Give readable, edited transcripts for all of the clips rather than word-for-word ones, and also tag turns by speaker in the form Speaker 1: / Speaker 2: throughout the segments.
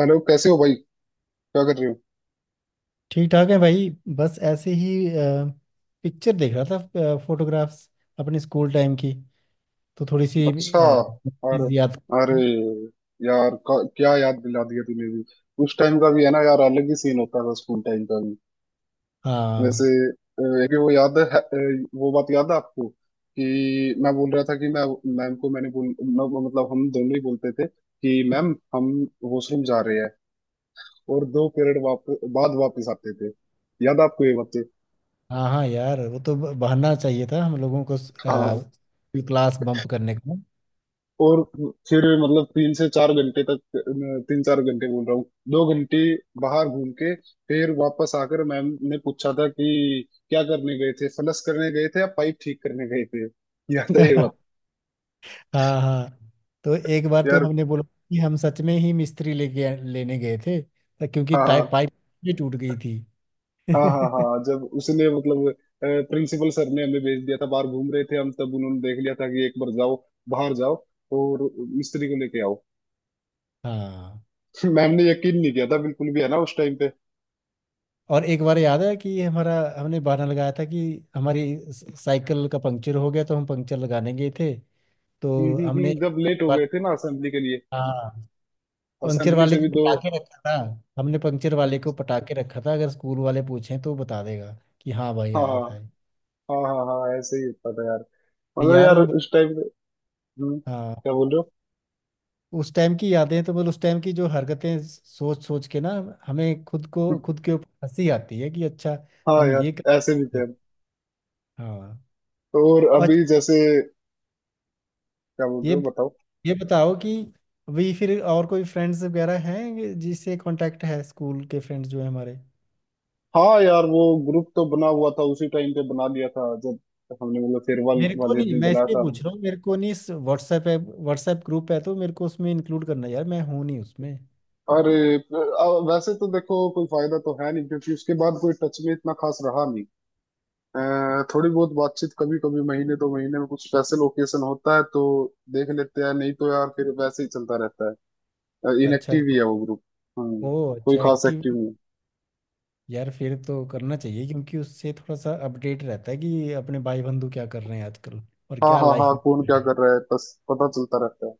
Speaker 1: Hello कैसे हो भाई? क्या कर रहे हो?
Speaker 2: ठीक ठाक है भाई। बस ऐसे ही पिक्चर देख रहा था, फोटोग्राफ्स अपने स्कूल टाइम की, तो थोड़ी सी
Speaker 1: अच्छा। और।
Speaker 2: चीज याद।
Speaker 1: अरे यार क्या याद दिला दिया तूने भी। उस टाइम का भी है ना, यार अलग ही सीन होता था स्कूल टाइम का भी। वैसे,
Speaker 2: हाँ
Speaker 1: एक वो याद है, वो बात याद है आपको कि मैं बोल रहा था कि मैं मैम को मैंने बोल, मतलब हम दोनों ही बोलते थे कि मैम हम वॉशरूम जा रहे हैं, और 2 पीरियड बाद वापस आते थे। याद है आपको ये बातें?
Speaker 2: हाँ हाँ यार, वो तो बहाना चाहिए था हम लोगों को
Speaker 1: हाँ।
Speaker 2: क्लास बम्प करने का।
Speaker 1: और फिर मतलब 3 से 4 घंटे तक, 3-4 घंटे बोल रहा हूँ, 2 घंटे बाहर घूम के, फिर वापस आकर मैम ने पूछा था कि क्या करने गए थे, फलस करने गए थे या पाइप ठीक करने गए थे। याद है ये बात?
Speaker 2: हाँ हाँ। तो एक बार तो
Speaker 1: यार,
Speaker 2: हमने बोला कि हम सच में ही मिस्त्री लेके लेने गए थे, क्योंकि टाइप
Speaker 1: हाँ
Speaker 2: पाइप भी टूट गई थी।
Speaker 1: हाँ हाँ हाँ हाँ, जब उसने मतलब प्रिंसिपल सर ने हमें भेज दिया था, बाहर घूम रहे थे हम, तब उन्होंने देख लिया था कि एक बार जाओ, बाहर जाओ और मिस्त्री को लेके आओ।
Speaker 2: हाँ।
Speaker 1: मैम ने यकीन नहीं किया था बिल्कुल भी, है ना, उस टाइम पे।
Speaker 2: और एक बार याद है कि हमारा हमने बहाना लगाया था कि हमारी साइकिल का पंक्चर हो गया, तो हम पंक्चर लगाने गए थे। तो हमने,
Speaker 1: जब लेट हो गए थे ना, असेंबली के लिए।
Speaker 2: हाँ, पंक्चर
Speaker 1: असेंबली
Speaker 2: वाले
Speaker 1: से भी
Speaker 2: को
Speaker 1: दो।
Speaker 2: पटाके रखा था। हमने पंक्चर
Speaker 1: हाँ
Speaker 2: वाले को पटाके रखा था, अगर स्कूल वाले पूछें तो बता देगा कि हाँ भाई
Speaker 1: हाँ
Speaker 2: आया था।
Speaker 1: हाँ हाँ हाँ, ऐसे ही होता था यार,
Speaker 2: ये।
Speaker 1: मतलब
Speaker 2: यार
Speaker 1: यार
Speaker 2: वो,
Speaker 1: उस टाइम पे।
Speaker 2: हाँ।
Speaker 1: क्या बोल रहे
Speaker 2: उस टाइम की यादें तो, मतलब उस टाइम की जो हरकतें सोच सोच के ना, हमें खुद
Speaker 1: हो?
Speaker 2: को खुद के ऊपर हंसी आती है कि अच्छा
Speaker 1: हाँ
Speaker 2: हम
Speaker 1: यार,
Speaker 2: ये कर।
Speaker 1: ऐसे भी थे हम।
Speaker 2: हाँ
Speaker 1: और अभी
Speaker 2: अच्छा।
Speaker 1: जैसे, क्या बोल रहे
Speaker 2: ये
Speaker 1: हो बताओ?
Speaker 2: ये बताओ कि अभी फिर और कोई फ्रेंड्स वगैरह हैं जिससे कांटेक्ट है, स्कूल के फ्रेंड्स जो है हमारे।
Speaker 1: हाँ यार, वो ग्रुप तो बना हुआ था, उसी टाइम पे बना लिया था जब हमने मतलब फेयरवेल
Speaker 2: मेरे को
Speaker 1: वाले
Speaker 2: नहीं,
Speaker 1: दिन
Speaker 2: मैं
Speaker 1: बनाया
Speaker 2: इसलिए
Speaker 1: था।
Speaker 2: पूछ रहा हूँ। मेरे को नहीं, इस व्हाट्सएप है, व्हाट्सएप ग्रुप है तो मेरे को उसमें इंक्लूड करना है यार, मैं हूँ नहीं उसमें।
Speaker 1: अरे, वैसे तो देखो कोई फायदा तो है नहीं, क्योंकि उसके बाद कोई टच में इतना खास रहा नहीं। थोड़ी बहुत बातचीत कभी कभी, महीने 2 महीने में कुछ स्पेशल ओकेशन होता है तो देख लेते हैं, नहीं तो यार फिर वैसे ही चलता रहता है।
Speaker 2: अच्छा
Speaker 1: इनएक्टिव ही
Speaker 2: तो।
Speaker 1: है वो ग्रुप। हाँ,
Speaker 2: ओ
Speaker 1: कोई
Speaker 2: अच्छा,
Speaker 1: खास
Speaker 2: एक्टिव।
Speaker 1: एक्टिव नहीं है।
Speaker 2: यार फिर तो करना चाहिए, क्योंकि उससे थोड़ा सा अपडेट रहता है कि अपने भाई बंधु क्या कर रहे हैं आजकल, और
Speaker 1: हाँ
Speaker 2: क्या
Speaker 1: हाँ
Speaker 2: लाइफ
Speaker 1: हाँ,
Speaker 2: में।
Speaker 1: कौन क्या कर रहा है बस पता चलता रहता है।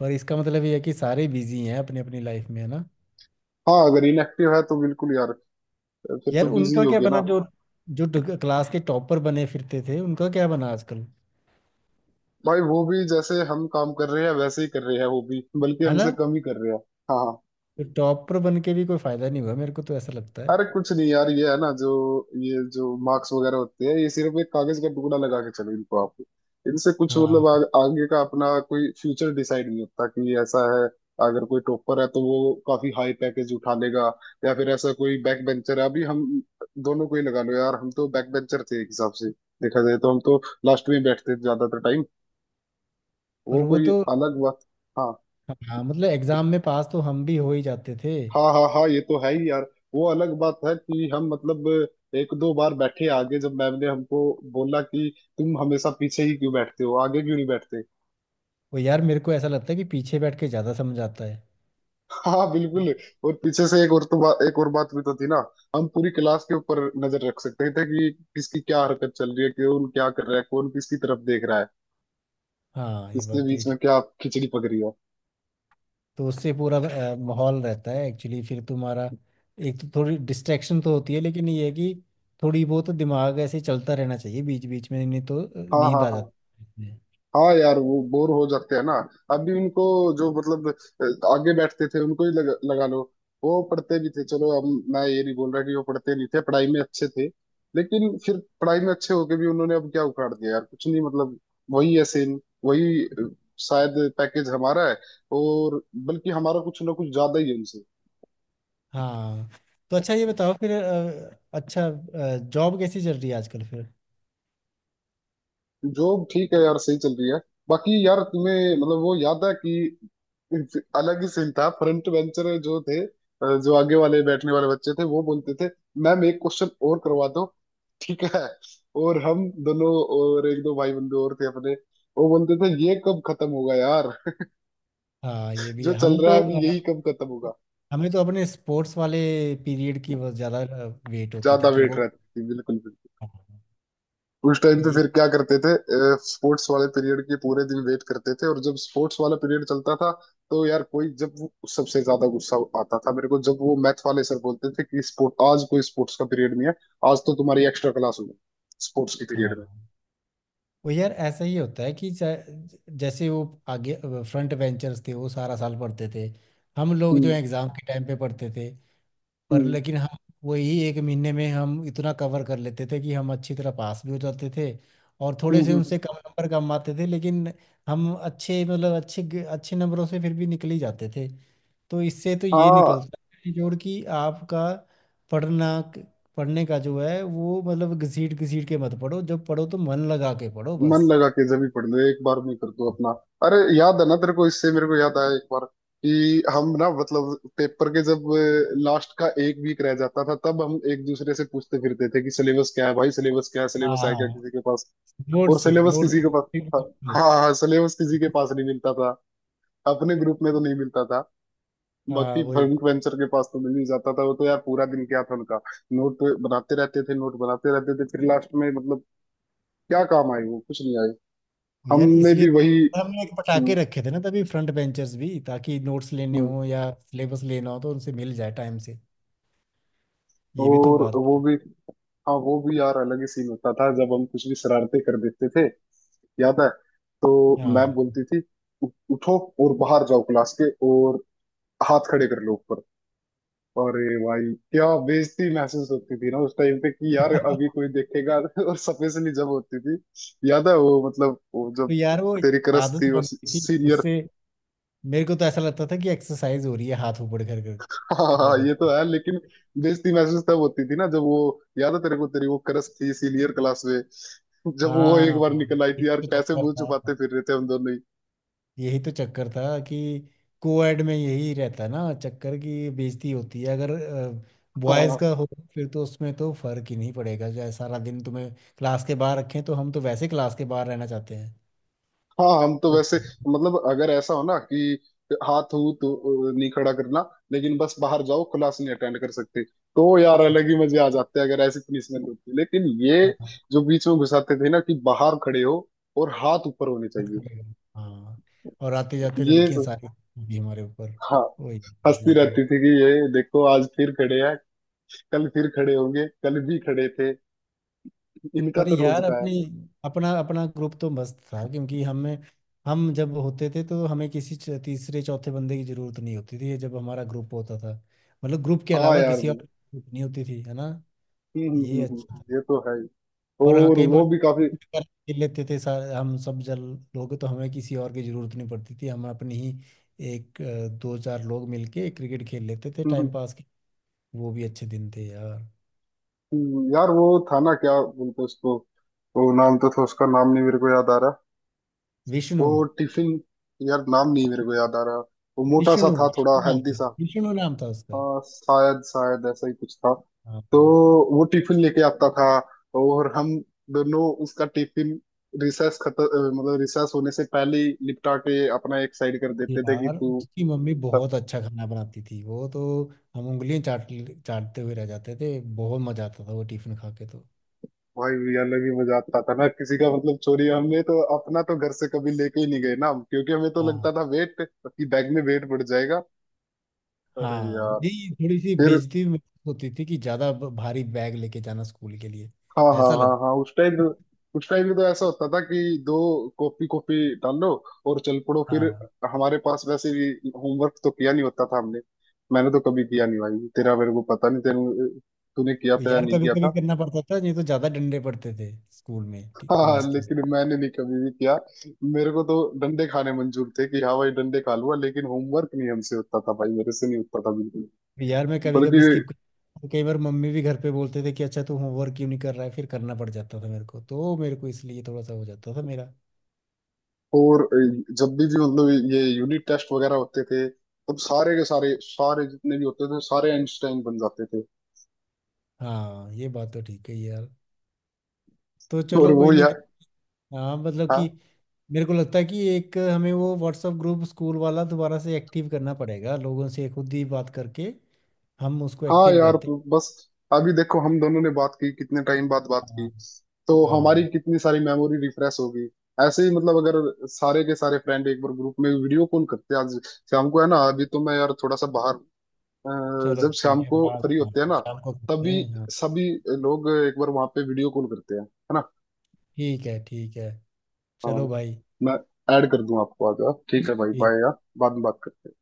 Speaker 2: पर इसका मतलब ये है कि सारे बिजी हैं अपनी अपनी लाइफ में, है ना?
Speaker 1: हाँ, अगर इनएक्टिव है तो बिल्कुल यार, फिर
Speaker 2: यार
Speaker 1: तो बिजी
Speaker 2: उनका क्या
Speaker 1: होगे
Speaker 2: बना,
Speaker 1: ना।
Speaker 2: जो जो क्लास के टॉपर बने फिरते थे, उनका क्या बना आजकल?
Speaker 1: भाई वो भी जैसे हम काम कर रहे हैं वैसे ही कर रहे हैं वो भी, बल्कि
Speaker 2: है ना?
Speaker 1: हमसे कम ही कर रहे हैं। हाँ हाँ।
Speaker 2: तो टॉपर बन के भी कोई फायदा नहीं हुआ, मेरे को तो ऐसा लगता है।
Speaker 1: अरे कुछ नहीं यार, ये है ना जो, ये जो मार्क्स वगैरह होते हैं, ये सिर्फ एक कागज का टुकड़ा लगा के चलो इनको आप, इनसे कुछ
Speaker 2: हाँ।
Speaker 1: मतलब, आगे का अपना कोई फ्यूचर डिसाइड नहीं होता कि ऐसा है। अगर कोई टॉपर है तो वो काफी हाई पैकेज उठा लेगा, या फिर ऐसा कोई बैक बेंचर है अभी हम, दोनों को ही लगा लो यार, हम तो बैक बेंचर थे। एक हिसाब से देखा जाए तो हम तो लास्ट में बैठते थे ज्यादातर टाइम,
Speaker 2: पर
Speaker 1: वो
Speaker 2: वो
Speaker 1: कोई
Speaker 2: तो,
Speaker 1: अलग बात। हाँ,
Speaker 2: हाँ, मतलब एग्जाम में पास तो हम भी हो ही जाते थे।
Speaker 1: हाँ हाँ हाँ, ये तो है ही यार, वो अलग बात है कि हम मतलब एक दो बार बैठे आगे, जब मैम ने हमको बोला कि तुम हमेशा पीछे ही क्यों बैठते हो, आगे क्यों नहीं बैठते?
Speaker 2: वो यार, मेरे को ऐसा लगता है कि पीछे बैठ के ज्यादा समझ आता है।
Speaker 1: हाँ बिल्कुल। और पीछे से एक और तो एक और बात भी तो थी ना, हम पूरी क्लास के ऊपर नजर रख सकते थे कि किसकी क्या हरकत चल रही है, कौन क्या कर रहा है, कौन किसकी तरफ देख रहा है,
Speaker 2: हाँ ये
Speaker 1: किसके
Speaker 2: बात तो, ये
Speaker 1: बीच में
Speaker 2: ठीक।
Speaker 1: क्या खिचड़ी पक रही है।
Speaker 2: तो उससे पूरा माहौल रहता है एक्चुअली फिर तुम्हारा। एक तो थोड़ी डिस्ट्रैक्शन तो होती है, लेकिन ये है कि थोड़ी बहुत तो दिमाग ऐसे चलता रहना चाहिए बीच बीच में, नहीं तो
Speaker 1: हाँ
Speaker 2: नींद
Speaker 1: हाँ
Speaker 2: आ
Speaker 1: हाँ,
Speaker 2: जाती है।
Speaker 1: हाँ यार वो बोर हो जाते हैं ना। अभी उनको, जो मतलब आगे बैठते थे उनको ही लगा लो, वो पढ़ते भी थे, चलो अब मैं ये नहीं बोल रहा कि वो पढ़ते नहीं थे, पढ़ाई में अच्छे थे। लेकिन फिर पढ़ाई में अच्छे होके भी उन्होंने अब क्या उखाड़ दिया यार, कुछ नहीं मतलब, वही है सेम, वही शायद पैकेज हमारा है, और बल्कि हमारा कुछ ना कुछ ज्यादा ही है उनसे।
Speaker 2: हाँ। तो अच्छा, ये बताओ फिर। अच्छा, जॉब कैसी चल रही है आजकल फिर?
Speaker 1: जॉब ठीक है यार, सही चल रही है। बाकी यार तुम्हें मतलब वो याद है कि अलग ही सीन था, फ्रंट बेंचर जो थे, जो आगे वाले बैठने वाले बच्चे थे वो बोलते थे, मैम एक क्वेश्चन और करवा दो, ठीक है। और हम दोनों और एक दो भाई बंधु और थे अपने, वो बोलते थे ये कब खत्म होगा यार।
Speaker 2: हाँ ये भी
Speaker 1: जो
Speaker 2: है।
Speaker 1: चल रहा है अभी यही कब खत्म होगा।
Speaker 2: हमें तो अपने स्पोर्ट्स वाले पीरियड की बहुत ज़्यादा वेट होती
Speaker 1: ज्यादा
Speaker 2: थी कि
Speaker 1: वेट
Speaker 2: वो,
Speaker 1: रहती थी बिल्कुल। उस टाइम पे
Speaker 2: ये।
Speaker 1: फिर क्या करते थे? स्पोर्ट्स वाले पीरियड के पूरे दिन वेट करते थे, और जब स्पोर्ट्स वाला पीरियड चलता था तो यार कोई, जब वो सबसे ज्यादा गुस्सा आता था मेरे को, जब वो मैथ वाले सर बोलते थे कि स्पोर्ट आज कोई स्पोर्ट्स का पीरियड नहीं है, आज तो तुम्हारी एक्स्ट्रा क्लास होगी स्पोर्ट्स के
Speaker 2: हाँ।
Speaker 1: पीरियड में।
Speaker 2: वो यार ऐसा ही होता है कि जैसे वो आगे फ्रंट बेंचर्स थे, वो सारा साल पढ़ते थे, हम लोग जो
Speaker 1: हम्म
Speaker 2: एग्ज़ाम के टाइम पे पढ़ते थे। पर
Speaker 1: हम्म
Speaker 2: लेकिन हम वही एक महीने में हम इतना कवर कर लेते थे कि हम अच्छी तरह पास भी हो जाते थे। और
Speaker 1: हम्म
Speaker 2: थोड़े से
Speaker 1: हम्म, हम्म।
Speaker 2: उनसे कम नंबर कम आते थे, लेकिन हम अच्छे, मतलब अच्छे अच्छे नंबरों से फिर भी निकल ही जाते थे। तो इससे तो ये
Speaker 1: हाँ,
Speaker 2: निकलता है जोड़, कि आपका पढ़ना, पढ़ने का जो है वो, मतलब घसीट घसीट के मत पढ़ो, जब पढ़ो तो मन लगा के पढ़ो
Speaker 1: मन
Speaker 2: बस।
Speaker 1: लगा के जब भी पढ़ ले एक बार में कर दो अपना। अरे याद है ना तेरे को, इससे मेरे को याद आया एक बार, कि हम ना मतलब पेपर के जब लास्ट का एक वीक रह जाता था, तब हम एक दूसरे से पूछते फिरते थे कि सिलेबस क्या है भाई, सिलेबस क्या है, सिलेबस है क्या
Speaker 2: हाँ
Speaker 1: किसी के पास, और
Speaker 2: नोट्स
Speaker 1: सिलेबस किसी के पास था।
Speaker 2: नोट्स।
Speaker 1: हाँ हाँ, सिलेबस किसी के पास नहीं मिलता था, अपने ग्रुप में तो नहीं मिलता था,
Speaker 2: हाँ
Speaker 1: बाकी
Speaker 2: वही,
Speaker 1: फ्रेंड वेंचर के पास तो मिल ही जाता था, वो तो यार पूरा दिन क्या था उनका, नोट बनाते रहते थे, नोट बनाते रहते थे, फिर लास्ट में मतलब क्या काम आए, वो कुछ नहीं आए।
Speaker 2: यार
Speaker 1: हमने
Speaker 2: इसलिए
Speaker 1: भी
Speaker 2: तो
Speaker 1: वही।
Speaker 2: हमने एक पटाके
Speaker 1: हम्म,
Speaker 2: रखे थे ना तभी फ्रंट बेंचर्स भी, ताकि नोट्स लेने
Speaker 1: हम्म।
Speaker 2: हो या सिलेबस लेना हो तो उनसे मिल जाए टाइम से। ये भी तो
Speaker 1: और
Speaker 2: बात
Speaker 1: वो
Speaker 2: है।
Speaker 1: भी। हाँ वो भी यार अलग ही सीन होता था जब हम कुछ भी शरारतें कर देते थे, याद है? तो मैम
Speaker 2: हाँ।
Speaker 1: बोलती थी, "उ- उठो और बाहर जाओ क्लास के, और हाथ खड़े कर लो ऊपर। अरे भाई क्या बेइज्जती महसूस होती थी ना उस टाइम पे कि यार अभी कोई देखेगा। और सफेद से जब होती थी, याद है वो, मतलब वो
Speaker 2: तो
Speaker 1: जब
Speaker 2: यार वो
Speaker 1: तेरी क्रश
Speaker 2: आदत
Speaker 1: थी वो
Speaker 2: बन गई थी
Speaker 1: सीनियर,
Speaker 2: उससे। मेरे को तो ऐसा लगता था कि एक्सरसाइज हो रही है, हाथ ऊपर कर कर खड़े
Speaker 1: हाँ ये तो
Speaker 2: कर।
Speaker 1: है, लेकिन बेइज्जती महसूस तब होती थी ना जब वो, याद है तेरे को तेरी वो क्रश थी सीनियर क्लास में, जब वो एक
Speaker 2: हाँ
Speaker 1: बार निकल आई थी
Speaker 2: एक
Speaker 1: यार,
Speaker 2: तो
Speaker 1: कैसे
Speaker 2: चक्कर
Speaker 1: मुंह
Speaker 2: था,
Speaker 1: छुपाते फिर रहे थे हम दोनों ही।
Speaker 2: यही तो चक्कर था कि कोएड में यही रहता ना चक्कर की, बेइज्जती होती है अगर बॉयज
Speaker 1: हाँ
Speaker 2: का हो। फिर तो उसमें तो फर्क ही नहीं पड़ेगा, चाहे सारा दिन तुम्हें क्लास के बाहर रखें, तो हम तो वैसे क्लास के बाहर रहना चाहते हैं।
Speaker 1: हाँ, हम तो
Speaker 2: को-
Speaker 1: वैसे मतलब अगर ऐसा हो ना कि हाथ हूँ तो नहीं खड़ा करना, लेकिन बस बाहर जाओ क्लास नहीं अटेंड कर सकते, तो यार अलग ही मजे आ जाते हैं अगर ऐसी पनिशमेंट होती। लेकिन ये
Speaker 2: हाँ हाँ,
Speaker 1: जो बीच में घुसाते थे ना कि बाहर खड़े हो और हाथ ऊपर होने
Speaker 2: मत
Speaker 1: चाहिए।
Speaker 2: करेगा। हाँ, और आते जाते
Speaker 1: ये
Speaker 2: लड़कियां
Speaker 1: स-
Speaker 2: सारी भी हमारे ऊपर
Speaker 1: हाँ,
Speaker 2: वही,
Speaker 1: हंसती
Speaker 2: ये तो।
Speaker 1: रहती थी कि ये देखो आज फिर खड़े हैं, कल फिर खड़े होंगे, कल भी खड़े थे, इनका
Speaker 2: पर
Speaker 1: तो रोज
Speaker 2: यार
Speaker 1: का है।
Speaker 2: अपनी, अपना अपना ग्रुप तो मस्त था, क्योंकि हमें हम जब होते थे तो हमें किसी तीसरे चौथे बंदे की जरूरत नहीं होती थी, जब हमारा ग्रुप होता था। मतलब ग्रुप के
Speaker 1: हाँ
Speaker 2: अलावा
Speaker 1: यार,
Speaker 2: किसी और
Speaker 1: हम्म,
Speaker 2: की जरूरत नहीं होती थी, है ना? ये अच्छा था।
Speaker 1: ये तो है ही।
Speaker 2: और हाँ
Speaker 1: और
Speaker 2: कई बार
Speaker 1: वो भी काफी,
Speaker 2: खेल लेते थे सारे, हम सब जल लोग तो हमें किसी और की जरूरत नहीं पड़ती थी। हम अपनी ही एक, दो चार लोग मिलके क्रिकेट खेल लेते थे
Speaker 1: हम्म, हम्म,
Speaker 2: टाइम पास के। वो भी अच्छे दिन थे यार।
Speaker 1: यार वो था ना, क्या बोलते उसको, वो नाम तो था उसका, नाम नहीं मेरे को याद आ रहा,
Speaker 2: विष्णु,
Speaker 1: वो टिफिन, यार नाम नहीं मेरे को याद आ रहा, वो मोटा सा
Speaker 2: विष्णु
Speaker 1: था थोड़ा
Speaker 2: विष्णु नाम
Speaker 1: हेल्दी
Speaker 2: था,
Speaker 1: सा।
Speaker 2: विष्णु नाम था उसका।
Speaker 1: हाँ शायद शायद ऐसा ही कुछ था,
Speaker 2: हाँ
Speaker 1: तो वो टिफिन लेके आता था, और हम दोनों उसका टिफिन, रिसेस खत्म, मतलब रिसेस होने से पहले ही निपटा के अपना एक साइड कर देते थे कि
Speaker 2: यार,
Speaker 1: तू।
Speaker 2: उसकी मम्मी बहुत अच्छा खाना बनाती थी वो तो। हम उंगलियां चाट चाटते हुए रह जाते थे। बहुत मजा आता था वो टिफिन खा के तो।
Speaker 1: भाई ये अलग ही मजा आता था ना किसी का मतलब चोरी, हमने तो अपना तो घर से कभी लेके ही नहीं गए ना हम, क्योंकि हमें तो
Speaker 2: हाँ
Speaker 1: लगता था वेट, कि बैग में वेट बढ़ जाएगा। अरे
Speaker 2: हाँ
Speaker 1: यार
Speaker 2: नहीं, थोड़ी सी
Speaker 1: फिर,
Speaker 2: बेइज्जती महसूस होती थी कि ज्यादा भारी बैग लेके जाना स्कूल के लिए
Speaker 1: हाँ हाँ
Speaker 2: ऐसा
Speaker 1: हाँ
Speaker 2: लगता।
Speaker 1: हाँ, उस टाइम में तो ऐसा होता था कि दो कॉपी कॉपी डालो और चल पड़ो फिर,
Speaker 2: हाँ।
Speaker 1: हमारे पास वैसे भी होमवर्क तो किया नहीं होता था हमने। मैंने तो कभी किया नहीं भाई, तेरा मेरे को पता नहीं, तेरे तूने किया
Speaker 2: और
Speaker 1: था या
Speaker 2: यार,
Speaker 1: नहीं
Speaker 2: कभी
Speaker 1: किया
Speaker 2: कभी
Speaker 1: था।
Speaker 2: करना पड़ता था, नहीं तो ज्यादा डंडे पड़ते थे स्कूल में
Speaker 1: हाँ
Speaker 2: मास्टर से।
Speaker 1: लेकिन मैंने नहीं कभी भी किया, मेरे को तो डंडे खाने मंजूर थे कि हाँ भाई डंडे खा लूंगा, लेकिन होमवर्क नहीं हमसे होता था भाई, मेरे से नहीं होता था बिल्कुल,
Speaker 2: यार मैं कभी कभी
Speaker 1: बल्कि।
Speaker 2: स्किप कर, तो कई बार मम्मी भी घर पे बोलते थे कि अच्छा तू होमवर्क क्यों नहीं कर रहा है, फिर करना पड़ जाता था मेरे को, तो मेरे को इसलिए थोड़ा सा हो जाता था मेरा।
Speaker 1: और जब भी मतलब ये यूनिट टेस्ट वगैरह होते थे, तब सारे के सारे सारे जितने भी होते थे, सारे आइंस्टाइन बन जाते थे।
Speaker 2: हाँ ये बात तो ठीक है यार। तो
Speaker 1: और
Speaker 2: चलो कोई
Speaker 1: वो
Speaker 2: नहीं।
Speaker 1: यार,
Speaker 2: हाँ मतलब
Speaker 1: हाँ
Speaker 2: कि, मेरे को लगता है कि एक हमें वो व्हाट्सएप ग्रुप स्कूल वाला दोबारा से एक्टिव करना पड़ेगा, लोगों से खुद ही बात करके हम उसको
Speaker 1: हाँ
Speaker 2: एक्टिव
Speaker 1: यार
Speaker 2: करते
Speaker 1: तो बस, अभी देखो हम दोनों ने बात की कितने टाइम बाद बात
Speaker 2: हैं।
Speaker 1: की,
Speaker 2: हाँ
Speaker 1: तो हमारी
Speaker 2: हाँ
Speaker 1: कितनी सारी मेमोरी रिफ्रेश होगी। ऐसे ही मतलब अगर सारे के सारे फ्रेंड एक बार ग्रुप में वीडियो कॉल करते हैं आज शाम को, है ना, अभी तो मैं यार थोड़ा सा बाहर हूँ।
Speaker 2: चलो
Speaker 1: जब शाम
Speaker 2: ठीक है,
Speaker 1: को
Speaker 2: बात,
Speaker 1: फ्री
Speaker 2: हाँ,
Speaker 1: होते हैं ना,
Speaker 2: शाम को करते
Speaker 1: तभी
Speaker 2: हैं। हाँ
Speaker 1: सभी लोग एक बार वहां पे वीडियो कॉल करते हैं, है ना?
Speaker 2: ठीक है, ठीक है,
Speaker 1: हाँ,
Speaker 2: चलो भाई।
Speaker 1: मैं ऐड कर दूं आपको आगे, ठीक है भाई,
Speaker 2: ठीक।
Speaker 1: बाय यार, बाद में बात करते हैं।